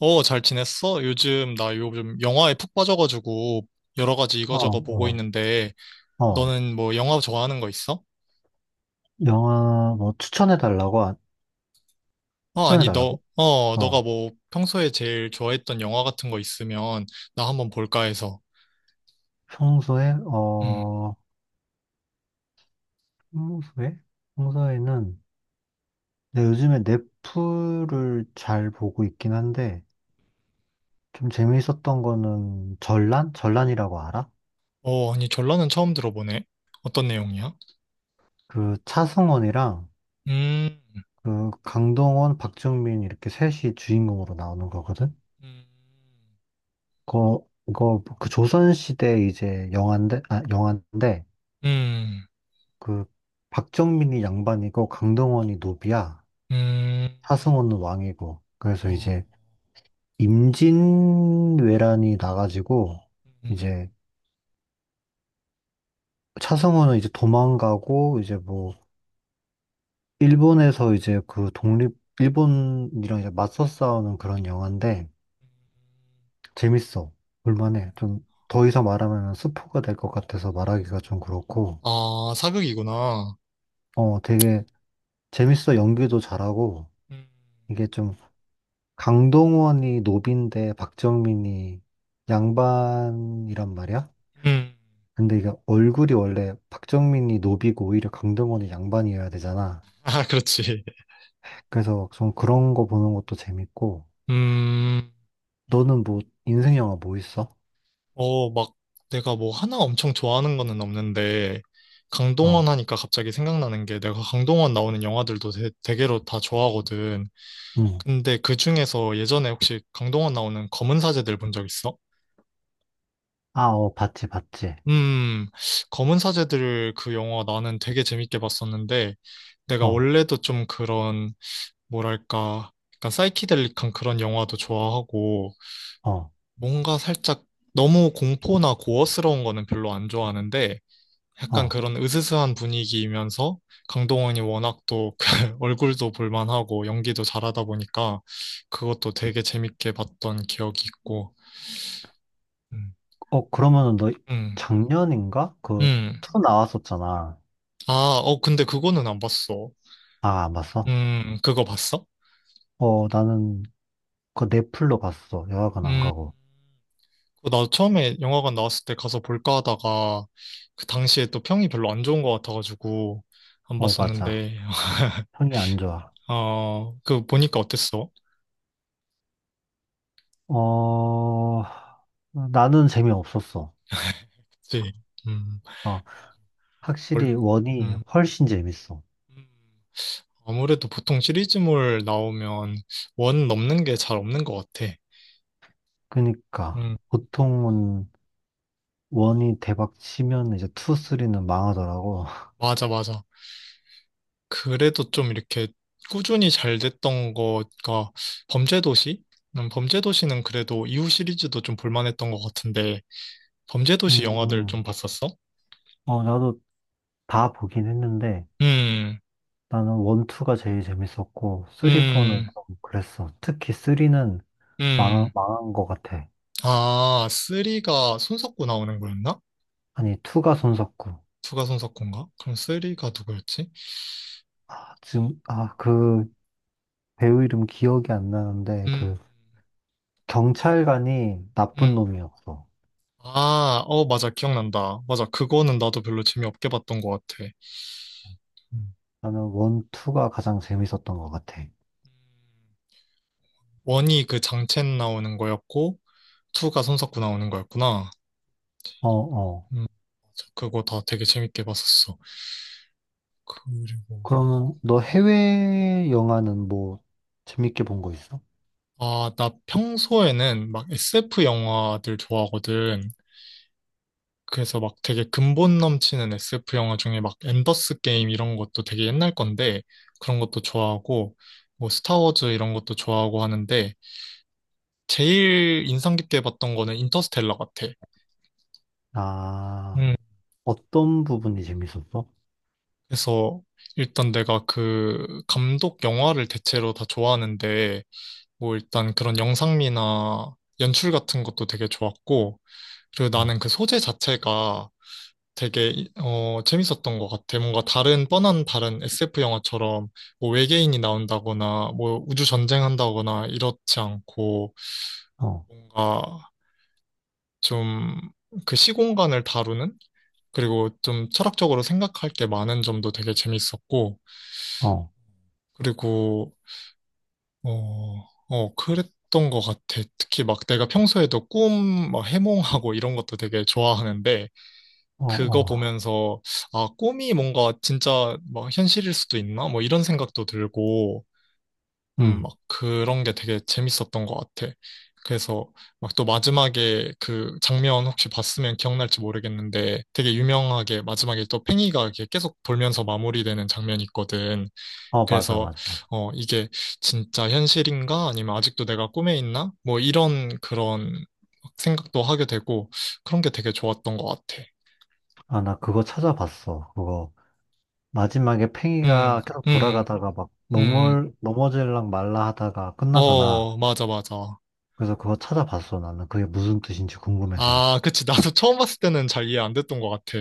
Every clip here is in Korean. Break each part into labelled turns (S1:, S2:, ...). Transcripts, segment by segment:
S1: 어, 잘 지냈어? 요즘 나 요즘 영화에 푹 빠져가지고 여러 가지
S2: 어,
S1: 이거저거 보고
S2: 어,
S1: 있는데
S2: 어.
S1: 너는 뭐 영화 좋아하는 거 있어?
S2: 영화 뭐 추천해 달라고? 아,
S1: 어,
S2: 추천해
S1: 아니 너,
S2: 달라고?
S1: 어, 너가
S2: 어.
S1: 뭐 평소에 제일 좋아했던 영화 같은 거 있으면 나 한번 볼까 해서.
S2: 평소에,
S1: 음.
S2: 평소에? 평소에는 내 요즘에 넷플을 잘 보고 있긴 한데 좀 재미있었던 거는 전란? 전란이라고 알아?
S1: 어, 아니 전라는 처음 들어보네. 어떤 내용이야?
S2: 그 차승원이랑
S1: 음,
S2: 그 강동원, 박정민 이렇게 셋이 주인공으로 나오는 거거든?
S1: 음,
S2: 그거 그 조선시대 이제 영화인데, 아, 영화인데
S1: 음,
S2: 그 박정민이 양반이고 강동원이 노비야.
S1: 음,
S2: 하승우는 왕이고. 그래서
S1: 어,
S2: 이제 임진왜란이 나가지고
S1: 음.
S2: 이제 차승원은 이제 도망가고 이제 뭐 일본에서 이제 그 독립 일본이랑 이제 맞서 싸우는 그런 영화인데 재밌어. 볼만해. 좀 더 이상 말하면 스포가 될 것 같아서 말하기가 좀 그렇고
S1: 아, 사극이구나.
S2: 어 되게 재밌어. 연기도 잘하고
S1: 음,
S2: 이게 좀 강동원이 노빈데 박정민이 양반이란 말이야?
S1: 음.
S2: 근데 이게 얼굴이 원래 박정민이 노비고 오히려 강동원이 양반이어야 되잖아.
S1: 아, 그렇지.
S2: 그래서 좀 그런 거 보는 것도 재밌고.
S1: 음.
S2: 너는 뭐 인생 영화 뭐 있어?
S1: 어, 막 내가 뭐 하나 엄청 좋아하는 거는 없는데,
S2: 어,
S1: 강동원 하니까 갑자기 생각나는 게 내가 강동원 나오는 영화들도 대개로 다 좋아하거든.
S2: 응.
S1: 근데 그 중에서 예전에 혹시 강동원 나오는 검은 사제들 본 적 있어?
S2: 아, 어, 봤지, 봤지.
S1: 음, 검은 사제들 그 영화 나는 되게 재밌게 봤었는데, 내가
S2: 어,
S1: 원래도 좀 그런, 뭐랄까, 약간 사이키델릭한 그런 영화도 좋아하고,
S2: 어,
S1: 뭔가 살짝 너무 공포나 고어스러운 거는 별로 안 좋아하는데, 약간
S2: 어.
S1: 그런 으스스한 분위기이면서 강동원이 워낙 또 그 얼굴도 볼만하고 연기도 잘하다 보니까 그것도 되게 재밌게 봤던 기억이 있고. 음.
S2: 어, 그러면은 너
S1: 음.
S2: 작년인가? 그,
S1: 음.
S2: 투 나왔었잖아.
S1: 아, 어, 근데 그거는 안 봤어.
S2: 아, 안 봤어?
S1: 그거 봤어?
S2: 어, 나는 그 넷플로 봤어. 영화관 안
S1: 음,
S2: 가고.
S1: 그거 나 처음에 영화관 나왔을 때 가서 볼까 하다가 그 당시에 또 평이 별로 안 좋은 것 같아가지고 안
S2: 어, 맞아.
S1: 봤었는데,
S2: 형이 안 좋아.
S1: 어, 그 보니까 어땠어?
S2: 어, 나는 재미없었어.
S1: 그치? 음,
S2: 어, 확실히
S1: 뭘,
S2: 원이
S1: 음.
S2: 훨씬 재밌어.
S1: 음. 아무래도 보통 시리즈물 나오면 원 넘는 게 잘 없는 것 같아.
S2: 그러니까
S1: 음,
S2: 보통은 원이 대박 치면 이제 투, 쓰리는 망하더라고.
S1: 맞아, 맞아. 그래도 좀 이렇게 꾸준히 잘 됐던 거가 범죄도시? 범죄도시는 그래도 이후 시리즈도 좀 볼만했던 것 같은데, 범죄도시
S2: 음,
S1: 영화들 좀
S2: 음.
S1: 봤었어?
S2: 어, 나도 다 보긴 했는데
S1: 음,
S2: 나는 원, 투가 제일 재밌었고 쓰리, 포는
S1: 음,
S2: 좀 그랬어. 특히 쓰리는 망,
S1: 음.
S2: 망한 것 같아.
S1: 아, 쓰리가 손석구 나오는 거였나?
S2: 아니, 투가 손석구.
S1: 2가 손석구인가? 그럼 쓰리가 누구였지?
S2: 아, 지금, 아, 그 배우 이름 기억이 안 나는데
S1: 음,
S2: 그 경찰관이 나쁜
S1: 음.
S2: 놈이었어.
S1: 아, 어, 맞아. 기억난다. 맞아. 그거는 나도 별로 재미없게 봤던 것 같아. 음.
S2: 나는 원, 투가 가장 재밌었던 것 같아.
S1: 원이 그 장첸 나오는 거였고, 투가 손석구 나오는 거였구나.
S2: 어, 어.
S1: 음, 맞아. 그거 다 되게 재밌게 봤었어. 그리고,
S2: 그러면 너 해외 영화는 뭐 재밌게 본 거 있어?
S1: 아, 나 평소에는 막 SF 영화들 좋아하거든. 그래서 막 되게 근본 넘치는 SF 영화 중에 막 엔더스 게임 이런 것도 되게 옛날 건데, 그런 것도 좋아하고, 뭐 스타워즈 이런 것도 좋아하고 하는데, 제일 인상 깊게 봤던 거는 인터스텔라 같아.
S2: 아,
S1: 음,
S2: 어떤 부분이 재밌었어?
S1: 그래서 일단 내가 그 감독 영화를 대체로 다 좋아하는데 뭐 일단 그런 영상미나 연출 같은 것도 되게 좋았고 그리고
S2: 어,
S1: 나는 그 소재 자체가 되게 재밌었던 것 같아. 뭔가 다른 뻔한 다른 SF 영화처럼 뭐 외계인이 나온다거나 뭐 우주 전쟁한다거나 이렇지 않고
S2: 어,
S1: 뭔가 좀 그 시공간을 다루는 그리고 좀 철학적으로 생각할 게 많은 점도 되게 재밌었고,
S2: 어,
S1: 그리고, 그랬던 것 같아. 특히 막 내가 평소에도 꿈, 막 해몽하고 이런 것도 되게 좋아하는데,
S2: 어,
S1: 그거
S2: 어.
S1: 보면서, 아, 꿈이 뭔가 진짜 막 현실일 수도 있나? 뭐 이런 생각도 들고,
S2: 응.
S1: 막 그런 게 되게 재밌었던 것 같아. 그래서 막 또 마지막에 그 장면 혹시 봤으면 기억날지 모르겠는데 되게 유명하게 마지막에 또 팽이가 이렇게 계속 돌면서 마무리되는 장면이 있거든.
S2: 어, 맞아,
S1: 그래서
S2: 맞아.
S1: 이게 진짜 현실인가? 아니면 아직도 내가 꿈에 있나? 뭐 이런 그런 생각도 하게 되고 그런 게 되게 좋았던 것 같아.
S2: 아, 나 그거 찾아봤어. 그거 마지막에
S1: 음,
S2: 팽이가 계속
S1: 음,
S2: 돌아가다가 막
S1: 음.
S2: 넘어, 넘어질랑 말라 하다가 끝나잖아.
S1: 어, 맞아, 맞아.
S2: 그래서 그거 찾아봤어. 나는 그게 무슨 뜻인지 궁금해서.
S1: 아, 그치. 나도 처음 봤을 때는 잘 이해 안 됐던 것 같아.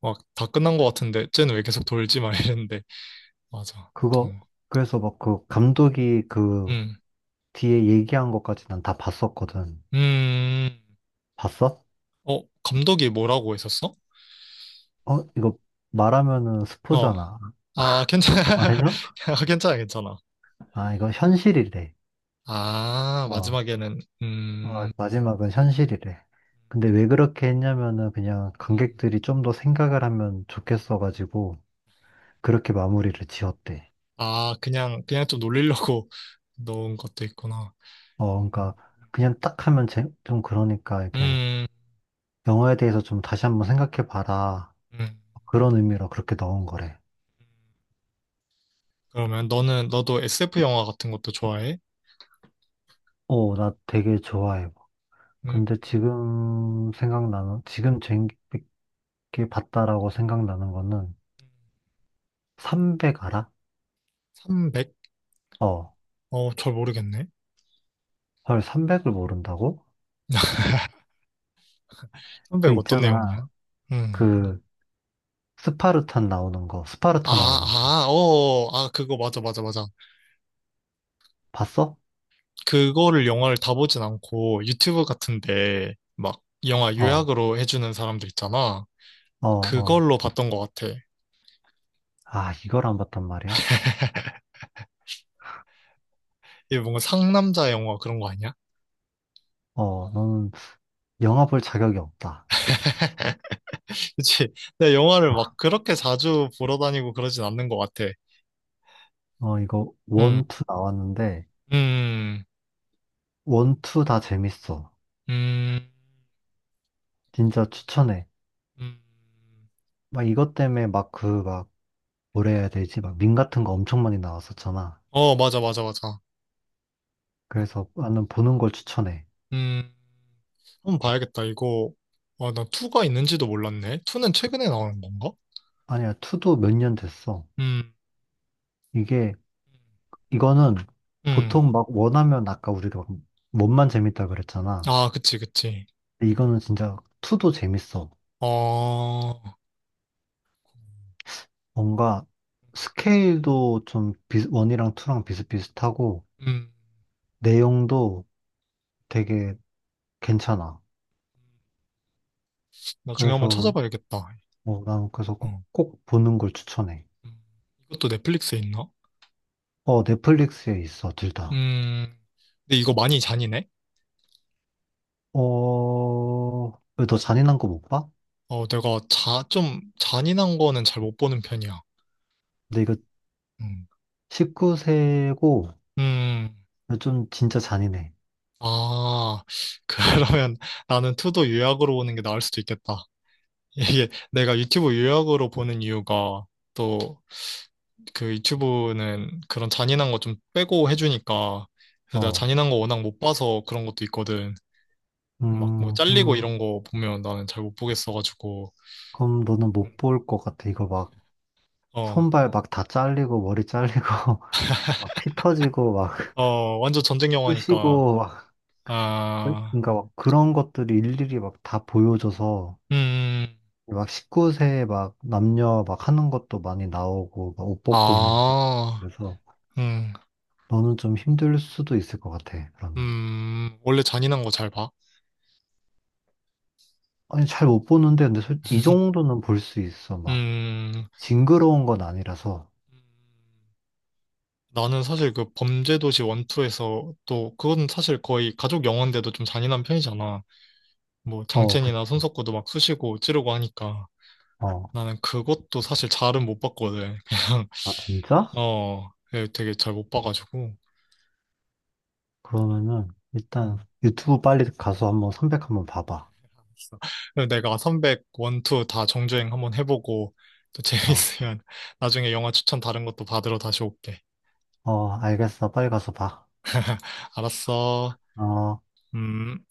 S1: 막, 다 끝난 것 같은데, 쟤는 왜 계속 돌지? 막 이랬는데. 맞아. 또,
S2: 그거 그래서 막 그 감독이 그
S1: 음,
S2: 뒤에 얘기한 것까지 난 다 봤었거든.
S1: 음,
S2: 봤어?
S1: 어, 감독이 뭐라고 했었어?
S2: 어, 이거 말하면은
S1: 어,
S2: 스포잖아.
S1: 아, 괜찮아.
S2: 말해줘?
S1: 아, 괜찮아, 괜찮아.
S2: 아, 이거 현실이래.
S1: 아,
S2: 어,
S1: 마지막에는,
S2: 어, 마지막은 현실이래. 근데 왜 그렇게 했냐면은 그냥
S1: 음.
S2: 관객들이 좀 더 생각을 하면 좋겠어가지고 그렇게 마무리를 지었대.
S1: 아, 그냥 좀 놀리려고 넣은 것도 있구나.
S2: 어, 그러니까 그냥 딱 하면 제- 좀 그러니까 이렇게
S1: 음,
S2: 영화에 대해서 좀 다시 한번 생각해봐라.
S1: 음.
S2: 그런 의미로 그렇게 넣은 거래.
S1: 그러면 너도 SF 영화 같은 것도 좋아해?
S2: 어, 나 되게 좋아해.
S1: 음,
S2: 근데 지금 생각나는, 지금 재밌게 봤다라고 생각나는 거는 300 알아?
S1: 300?
S2: 어,
S1: 어, 잘 모르겠네.
S2: 헐, 300을 모른다고? 그
S1: 선배가 어떤
S2: 있잖아.
S1: 내용이야? 음.
S2: 그 스파르탄 나오는 거,
S1: 아,
S2: 스파르타 나오는 거.
S1: 아, 어, 어, 아, 그거 맞아, 맞아, 맞아.
S2: 봤어?
S1: 그거를 영화를 다 보진 않고 유튜브 같은데 막 영화
S2: 어,
S1: 요약으로 해주는 사람들 있잖아.
S2: 어.
S1: 그걸로 봤던 것 같아.
S2: 아, 이걸 안 봤단 말이야?
S1: 이게 뭔가 상남자 영화 그런 거 아니야?
S2: 어, 너는 영화 볼 자격이 없다.
S1: 그치? 내가 영화를 막 그렇게 자주 보러 다니고 그러진 않는 것 같아.
S2: 어, 이거
S1: 음,
S2: 원투 나왔는데
S1: 음,
S2: 원투 다 재밌어.
S1: 음,
S2: 진짜 추천해.
S1: 음.
S2: 막 이것 때문에 막 그 막 뭐라 해야 되지? 막 밈 같은 거 엄청 많이 나왔었잖아.
S1: 어, 맞아, 맞아, 맞아.
S2: 그래서 나는 보는 걸 추천해.
S1: 음, 한번 봐야겠다. 이거, 아, 난 2가 있는지도 몰랐네. 2는 최근에 나오는 건가?
S2: 아니야, 투도 몇 년 됐어.
S1: 음,
S2: 이게, 이거는
S1: 음.
S2: 보통 막 원하면 아까 우리가 원만 재밌다 그랬잖아.
S1: 아, 그치, 그치.
S2: 근데 이거는 진짜 투도 재밌어.
S1: 어,
S2: 뭔가 스케일도 좀 비, 원이랑 투랑 비슷비슷하고
S1: 음.
S2: 내용도 되게 괜찮아.
S1: 나중에 한번
S2: 그래서
S1: 찾아봐야겠다.
S2: 뭐 나는 그래서 꼭,
S1: 어.
S2: 꼭 보는 걸 추천해.
S1: 음. 이것도 넷플릭스에 있나?
S2: 어, 넷플릭스에 있어, 둘 다.
S1: 음, 근데 이거 많이 잔인해?
S2: 어, 왜 너 잔인한 거 못 봐?
S1: 어, 내가 좀 잔인한 거는 잘 못 보는 편이야.
S2: 근데 이거
S1: 음,
S2: 19세고
S1: 음.
S2: 좀 진짜 잔인해.
S1: 아, 그러면 나는 투도 요약으로 보는 게 나을 수도 있겠다. 이게 내가 유튜브 요약으로 보는 이유가 또 그 유튜브는 그런 잔인한 거 좀 빼고 해주니까 그래서 내가
S2: 어.
S1: 잔인한 거 워낙 못 봐서 그런 것도 있거든. 막 뭐 잘리고 이런
S2: 그럼,
S1: 거 보면 나는 잘 못 보겠어가지고
S2: 그럼 너는
S1: 음,
S2: 못 볼 것 같아. 이거 막
S1: 어,
S2: 손발 막 다 잘리고 머리 잘리고 막 피 터지고 막
S1: 어, 완전 전쟁 영화니까
S2: 쑤시고 막
S1: 아,
S2: 그러니까 막 그런 것들이 일일이 막 다 보여줘서
S1: 음, 음.
S2: 막 19세 막 남녀 막 하는 것도 많이 나오고 막 옷 벗고 있는 것도
S1: 아,
S2: 그래서
S1: 음,
S2: 너는 좀 힘들 수도 있을 것 같아. 그러면
S1: 원래 잔인한 거 잘 봐?
S2: 아니 잘 못 보는데 근데 솔- 이 정도는 볼 수 있어. 막
S1: 음,
S2: 징그러운 건 아니라서
S1: 나는 사실 그 범죄도시 원투에서 또 그건 사실 거의 가족 영화인데도 좀 잔인한 편이잖아. 뭐
S2: 어 그치.
S1: 장첸이나 손석구도 막 쑤시고 찌르고 하니까
S2: 어.
S1: 나는 그것도 사실 잘은 못 봤거든. 그냥
S2: 아, 진짜?
S1: 어 예, 되게 잘 못 봐가지고.
S2: 그러면은, 일단,
S1: 음,
S2: 유튜브 빨리 가서 한번 선백 한번 봐봐.
S1: 그래서 내가 선백 원투 다 정주행 한번 해보고 또
S2: 어,
S1: 재밌으면 나중에 영화 추천 다른 것도 받으러 다시 올게.
S2: 어, 알겠어. 빨리 가서 봐.
S1: 알았어.
S2: 어.
S1: 음.